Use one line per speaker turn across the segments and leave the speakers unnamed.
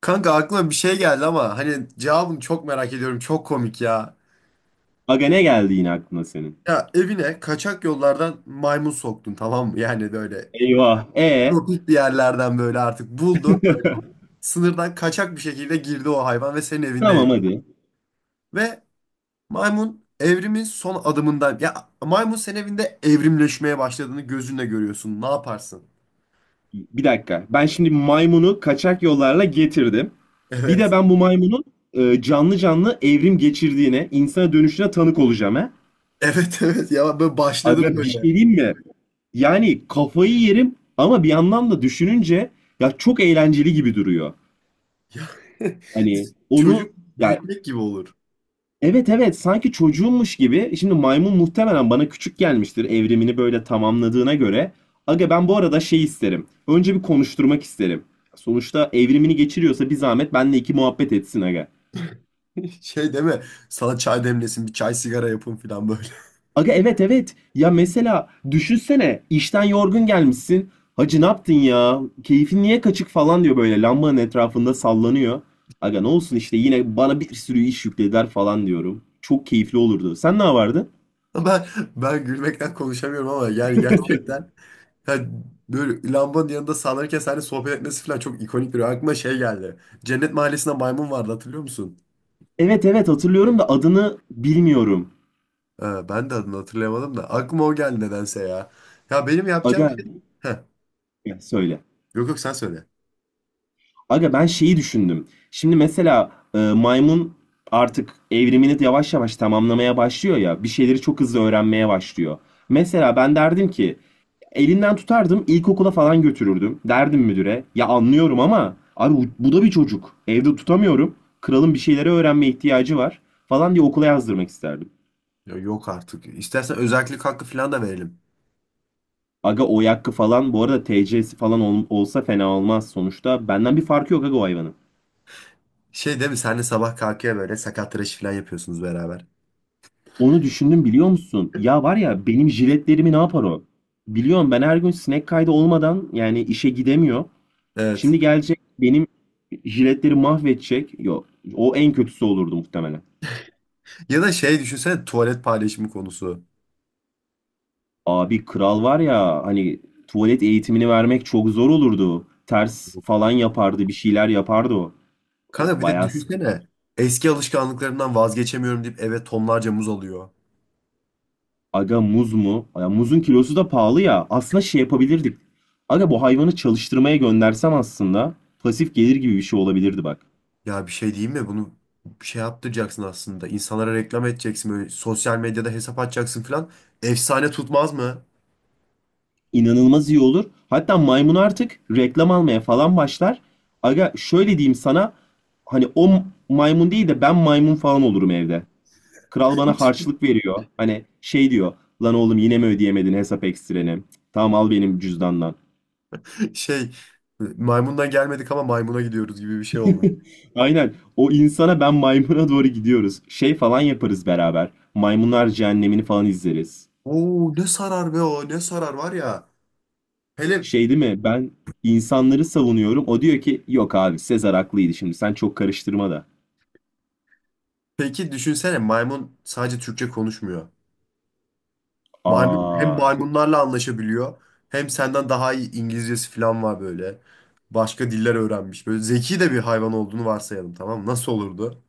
Kanka aklıma bir şey geldi ama hani cevabını çok merak ediyorum. Çok komik ya.
Aga ne geldi yine aklına senin?
Ya evine kaçak yollardan maymun soktun, tamam mı? Yani böyle
Eyvah. E.
tropik bir yerlerden böyle artık buldun. Sınırdan kaçak bir şekilde girdi o hayvan ve senin evinde
Tamam
yaşıyor.
hadi.
Ve maymun evrimin son adımından, ya maymun senin evinde evrimleşmeye başladığını gözünle görüyorsun. Ne yaparsın?
Bir dakika. Ben şimdi maymunu kaçak yollarla getirdim. Bir de
Evet.
ben bu maymunun canlı canlı evrim geçirdiğine, insana dönüşüne tanık olacağım he.
Evet evet, ya böyle başladı
Aga bir şey
böyle.
diyeyim mi? Yani kafayı yerim ama bir yandan da düşününce ya çok eğlenceli gibi duruyor.
Ya,
Hani onu
çocuk
ya.
büyütmek gibi olur.
Evet evet, sanki çocuğummuş gibi. Şimdi maymun muhtemelen bana küçük gelmiştir evrimini böyle tamamladığına göre. Aga ben bu arada şey isterim. Önce bir konuşturmak isterim. Sonuçta evrimini geçiriyorsa bir zahmet benle iki muhabbet etsin aga.
Şey deme, sana çay demlesin, bir çay sigara yapın falan böyle.
Aga evet evet. Ya mesela düşünsene işten yorgun gelmişsin. Hacı ne yaptın ya? Keyfin niye kaçık falan diyor böyle lambanın etrafında sallanıyor. Aga ne olsun işte yine bana bir sürü iş yüklediler falan diyorum. Çok keyifli olurdu. Sen ne yapardın?
Ben ben gülmekten konuşamıyorum ama yani gerçekten, yani böyle lambanın yanında sallanırken seninle sohbet etmesi falan çok ikonik, bir aklıma şey geldi. Cennet Mahallesi'nde maymun vardı, hatırlıyor musun?
Evet evet hatırlıyorum da adını bilmiyorum.
Ben de adını hatırlayamadım da aklıma o geldi nedense ya. Ya benim yapacağım
Aga
şey... Heh,
ya söyle.
yok sen söyle.
Aga ben şeyi düşündüm. Şimdi mesela maymun artık evrimini yavaş yavaş tamamlamaya başlıyor ya. Bir şeyleri çok hızlı öğrenmeye başlıyor. Mesela ben derdim ki elinden tutardım ilkokula falan götürürdüm. Derdim müdüre ya anlıyorum ama abi bu da bir çocuk. Evde tutamıyorum. Kralın bir şeyleri öğrenmeye ihtiyacı var falan diye okula yazdırmak isterdim.
Ya yok artık. İstersen özellik hakkı falan da verelim.
Aga o yakkı falan bu arada TC'si falan olsa fena olmaz sonuçta. Benden bir farkı yok aga o hayvanın.
Şey değil mi? Senle sabah kalkıyor, böyle sakat tıraşı falan yapıyorsunuz beraber.
Onu düşündüm biliyor musun? Ya var ya benim jiletlerimi ne yapar o? Biliyorum ben her gün sinek kaydı olmadan yani işe gidemiyor.
Evet.
Şimdi gelecek benim jiletleri mahvedecek. Yok, o en kötüsü olurdu muhtemelen.
Ya da şey, düşünsene tuvalet paylaşımı konusu.
Abi kral var ya hani tuvalet eğitimini vermek çok zor olurdu. Ters falan yapardı bir şeyler yapardı o. O
Kanka bir de
bayağı.
düşünsene, eski alışkanlıklarından vazgeçemiyorum deyip eve tonlarca muz alıyor.
Aga muz mu? Ya muzun kilosu da pahalı ya. Aslında şey yapabilirdik. Aga bu hayvanı çalıştırmaya göndersem aslında pasif gelir gibi bir şey olabilirdi bak.
Ya bir şey diyeyim mi, bunu bir şey yaptıracaksın aslında. İnsanlara reklam edeceksin, böyle sosyal medyada hesap açacaksın falan. Efsane tutmaz mı?
İnanılmaz iyi olur. Hatta maymun artık reklam almaya falan başlar. Aga şöyle diyeyim sana. Hani o maymun değil de ben maymun falan olurum evde. Kral bana harçlık veriyor. Hani şey diyor. Lan oğlum yine mi ödeyemedin hesap ekstreni? Tamam al benim cüzdandan.
Şey, maymundan gelmedik ama maymuna gidiyoruz gibi bir şey oldu bu.
Aynen. O insana ben maymuna doğru gidiyoruz. Şey falan yaparız beraber. Maymunlar Cehennemini falan izleriz.
Oo ne sarar be, o ne sarar var ya. Hele
Şey değil mi? Ben insanları savunuyorum. O diyor ki yok abi Sezar haklıydı şimdi. Sen çok karıştırma da.
peki düşünsene, maymun sadece Türkçe konuşmuyor. Maymun hem
Aa,
maymunlarla anlaşabiliyor, hem senden daha iyi İngilizcesi falan var böyle. Başka diller öğrenmiş. Böyle zeki de bir hayvan olduğunu varsayalım, tamam mı? Nasıl olurdu?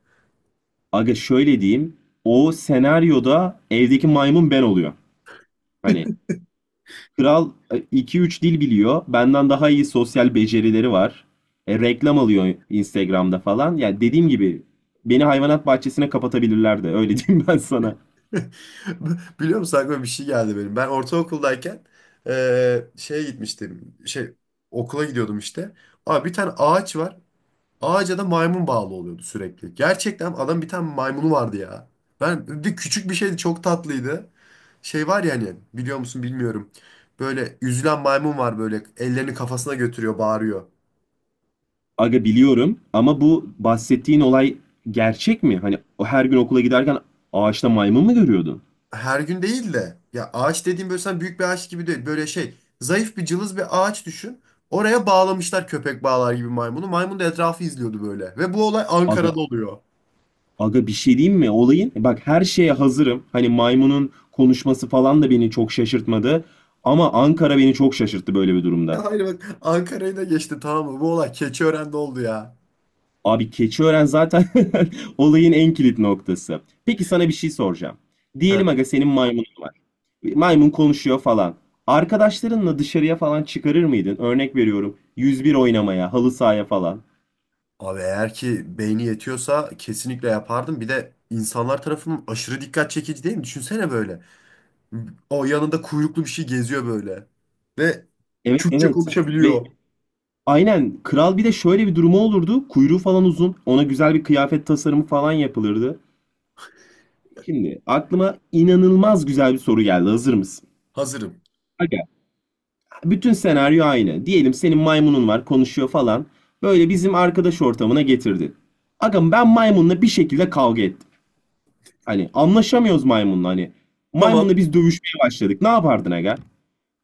aga şöyle diyeyim. O senaryoda evdeki maymun ben oluyor. Hani kral iki üç dil biliyor. Benden daha iyi sosyal becerileri var. Reklam alıyor Instagram'da falan. Ya dediğim gibi beni hayvanat bahçesine kapatabilirlerdi. Öyle diyeyim ben sana.
Biliyor musun, aklıma bir şey geldi benim. Ben ortaokuldayken şeye gitmiştim. Şey, okula gidiyordum işte. Abi bir tane ağaç var. Ağaca da maymun bağlı oluyordu sürekli. Gerçekten adam bir tane maymunu vardı ya. Ben bir küçük bir şeydi, çok tatlıydı. Şey var ya, hani biliyor musun bilmiyorum. Böyle üzülen maymun var, böyle ellerini kafasına götürüyor, bağırıyor.
Aga biliyorum ama bu bahsettiğin olay gerçek mi? Hani o her gün okula giderken ağaçta maymun mu görüyordun?
Her gün değil de, ya ağaç dediğim böyle sen büyük bir ağaç gibi değil. Böyle şey, zayıf bir cılız bir ağaç düşün. Oraya bağlamışlar köpek bağlar gibi maymunu. Maymun da etrafı izliyordu böyle. Ve bu olay
Aga,
Ankara'da oluyor.
aga bir şey diyeyim mi? Olayın e bak her şeye hazırım. Hani maymunun konuşması falan da beni çok şaşırtmadı. Ama Ankara beni çok şaşırttı böyle bir durumda.
Ya hayır bak, Ankara'yı da geçti tamam mı? Bu olay Keçiören'de oldu ya.
Abi Keçiören zaten olayın en kilit noktası. Peki sana bir şey soracağım. Diyelim
Heh.
aga senin maymunun var. Maymun konuşuyor falan. Arkadaşlarınla dışarıya falan çıkarır mıydın? Örnek veriyorum. 101 oynamaya, halı sahaya falan.
Abi eğer ki beyni yetiyorsa kesinlikle yapardım. Bir de insanlar tarafından aşırı dikkat çekici değil mi? Düşünsene böyle. O yanında kuyruklu bir şey geziyor böyle. Ve
Evet
Türkçe
evet. Ve
konuşabiliyor.
aynen kral bir de şöyle bir durumu olurdu. Kuyruğu falan uzun. Ona güzel bir kıyafet tasarımı falan yapılırdı. Şimdi aklıma inanılmaz güzel bir soru geldi. Hazır mısın?
Hazırım.
Aga. Bütün senaryo aynı. Diyelim senin maymunun var, konuşuyor falan. Böyle bizim arkadaş ortamına getirdin. Aga ben maymunla bir şekilde kavga ettim. Hani anlaşamıyoruz maymunla hani. Maymunla
Tamam.
biz dövüşmeye başladık. Ne yapardın aga?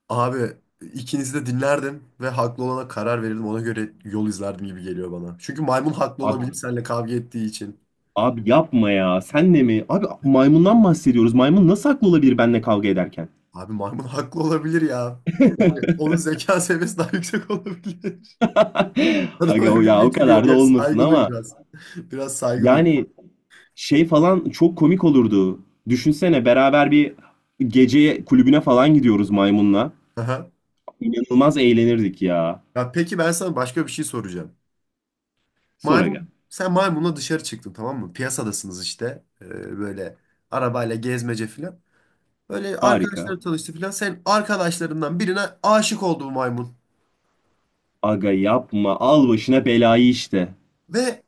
Abi ikinizi de dinlerdim ve haklı olana karar verirdim. Ona göre yol izlerdim gibi geliyor bana. Çünkü maymun haklı
Abi,
olabilir seninle kavga ettiği için.
abi yapma ya. Sen de mi? Abi maymundan bahsediyoruz. Maymun nasıl haklı olabilir benimle kavga ederken?
Abi maymun haklı olabilir ya. Yani onun zeka seviyesi daha yüksek olabilir. Adam
Aga o
evrim
ya o
geçiriyor.
kadar da
Biraz
olmasın
saygı duy
ama
biraz. Biraz saygı duy.
yani şey falan çok komik olurdu. Düşünsene beraber bir gece kulübüne falan gidiyoruz maymunla.
Aha.
İnanılmaz eğlenirdik ya.
Ya peki, ben sana başka bir şey soracağım.
Sor aga.
Maymun, sen maymunla dışarı çıktın tamam mı? Piyasadasınız işte. Böyle arabayla gezmece filan. Böyle
Harika.
arkadaşları tanıştı filan. Sen arkadaşlarından birine aşık oldu bu maymun.
Aga yapma. Al başına belayı işte.
Ve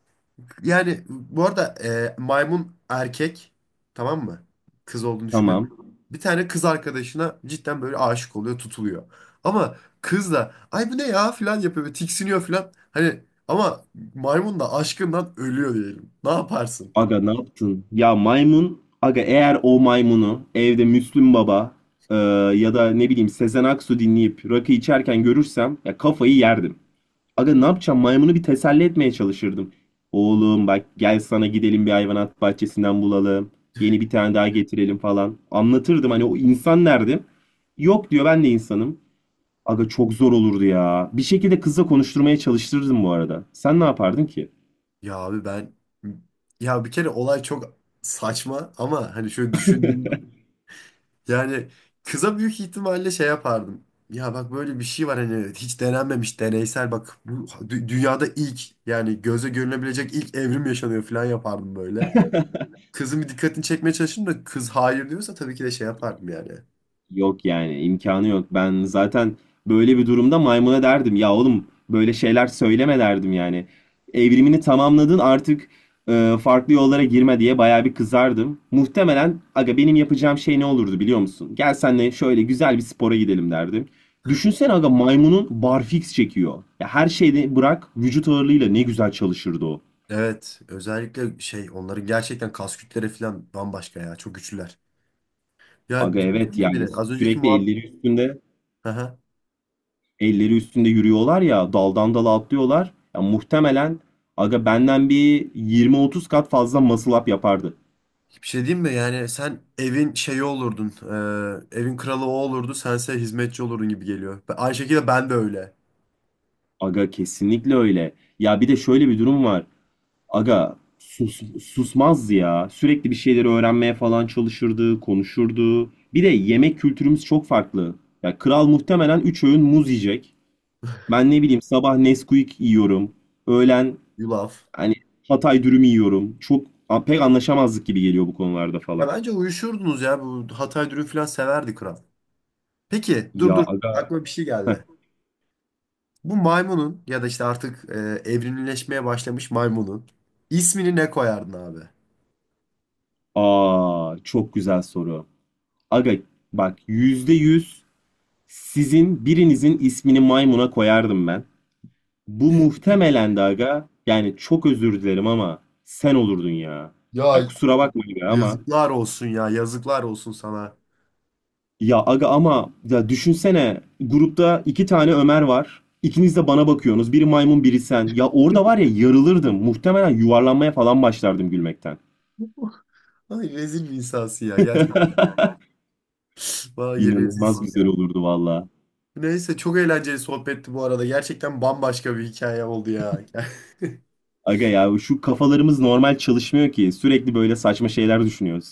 yani bu arada maymun erkek, tamam mı? Kız olduğunu düşünmedim.
Tamam.
Bir tane kız arkadaşına cidden böyle aşık oluyor, tutuluyor. Ama kız da ay bu ne ya filan yapıyor, böyle tiksiniyor filan. Hani ama maymun da aşkından ölüyor diyelim. Ne yaparsın?
Aga ne yaptın? Ya maymun. Aga eğer o maymunu evde Müslüm Baba e, ya da ne bileyim Sezen Aksu dinleyip rakı içerken görürsem ya kafayı yerdim. Aga ne yapacağım? Maymunu bir teselli etmeye çalışırdım. Oğlum bak gel sana gidelim bir hayvanat bahçesinden bulalım. Yeni bir tane daha getirelim falan. Anlatırdım hani o insan nerede? Yok diyor ben de insanım. Aga çok zor olurdu ya. Bir şekilde kızla konuşturmaya çalıştırırdım bu arada. Sen ne yapardın ki?
Ya abi ben, ya bir kere olay çok saçma, ama hani şöyle düşündüğüm, yani kıza büyük ihtimalle şey yapardım. Ya bak böyle bir şey var, hani hiç denenmemiş deneysel, bak bu dünyada ilk, yani göze görünebilecek ilk evrim yaşanıyor falan yapardım böyle. Kızın bir dikkatini çekmeye çalışırım da, kız hayır diyorsa tabii ki de şey yapardım yani.
Yok yani imkanı yok. Ben zaten böyle bir durumda maymuna derdim ya oğlum böyle şeyler söyleme derdim yani. Evrimini tamamladın artık farklı yollara girme diye bayağı bir kızardım. Muhtemelen aga benim yapacağım şey ne olurdu biliyor musun? Gel senle şöyle güzel bir spora gidelim derdim. Düşünsene aga maymunun barfiks çekiyor. Ya her şeyde bırak vücut ağırlığıyla ne güzel çalışırdı o.
Evet özellikle şey, onların gerçekten kas kütleri falan bambaşka ya, çok güçlüler. Ya
Aga evet
düşünsene
yani
bile az önceki
sürekli
muhabbet.
elleri üstünde elleri üstünde yürüyorlar ya daldan dala atlıyorlar. Ya muhtemelen aga benden bir 20-30 kat fazla muscle up yapardı.
Bir şey diyeyim mi? Yani sen evin şeyi olurdun. Evin kralı o olurdu. Sense hizmetçi olurdun gibi geliyor. Ben- aynı şekilde ben de öyle.
Aga kesinlikle öyle. Ya bir de şöyle bir durum var. Aga sus, susmazdı ya. Sürekli bir şeyleri öğrenmeye falan çalışırdı, konuşurdu. Bir de yemek kültürümüz çok farklı. Ya kral muhtemelen 3 öğün muz yiyecek. Ben ne bileyim sabah Nesquik yiyorum. Öğlen
Yulaf.
hani Hatay dürüm yiyorum. Çok pek anlaşamazlık gibi geliyor bu konularda
Ya
falan.
bence uyuşurdunuz ya. Bu Hatay dürüm falan severdi kral. Peki dur
Ya
dur.
aga.
Aklıma bir şey
Heh.
geldi. Bu maymunun ya da işte artık evrimleşmeye başlamış maymunun ismini ne koyardın abi?
Aa, çok güzel soru. Aga bak yüzde yüz sizin birinizin ismini maymuna koyardım ben. Bu muhtemelen de aga yani çok özür dilerim ama sen olurdun ya.
Ya
Ya kusura bakma aga ama.
yazıklar olsun ya. Yazıklar olsun sana.
Ya aga ama ya düşünsene grupta iki tane Ömer var. İkiniz de bana bakıyorsunuz. Biri maymun biri sen. Ya orada var ya yarılırdım. Muhtemelen yuvarlanmaya falan başlardım gülmekten.
Ay rezil bir insansın ya. Gerçekten. Vay
İnanılmaz
rezilsin
güzel
ya.
olurdu valla.
Neyse, çok eğlenceli sohbetti bu arada. Gerçekten bambaşka bir hikaye oldu ya.
Aga ya şu kafalarımız normal çalışmıyor ki. Sürekli böyle saçma şeyler düşünüyoruz.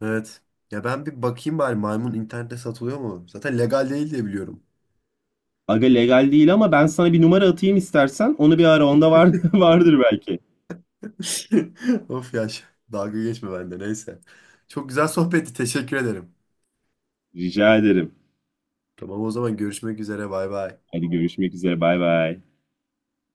Evet. Ya ben bir bakayım bari, maymun internette satılıyor mu? Zaten legal değil diye biliyorum.
Aga legal değil ama ben sana bir numara atayım istersen. Onu bir ara onda var, vardır belki.
Of ya. Ş- Dalga geçme bende, neyse. Çok güzel sohbetti. Teşekkür ederim.
Rica ederim.
Tamam o zaman, görüşmek üzere. Bay bay.
Hadi görüşmek üzere. Bay bay.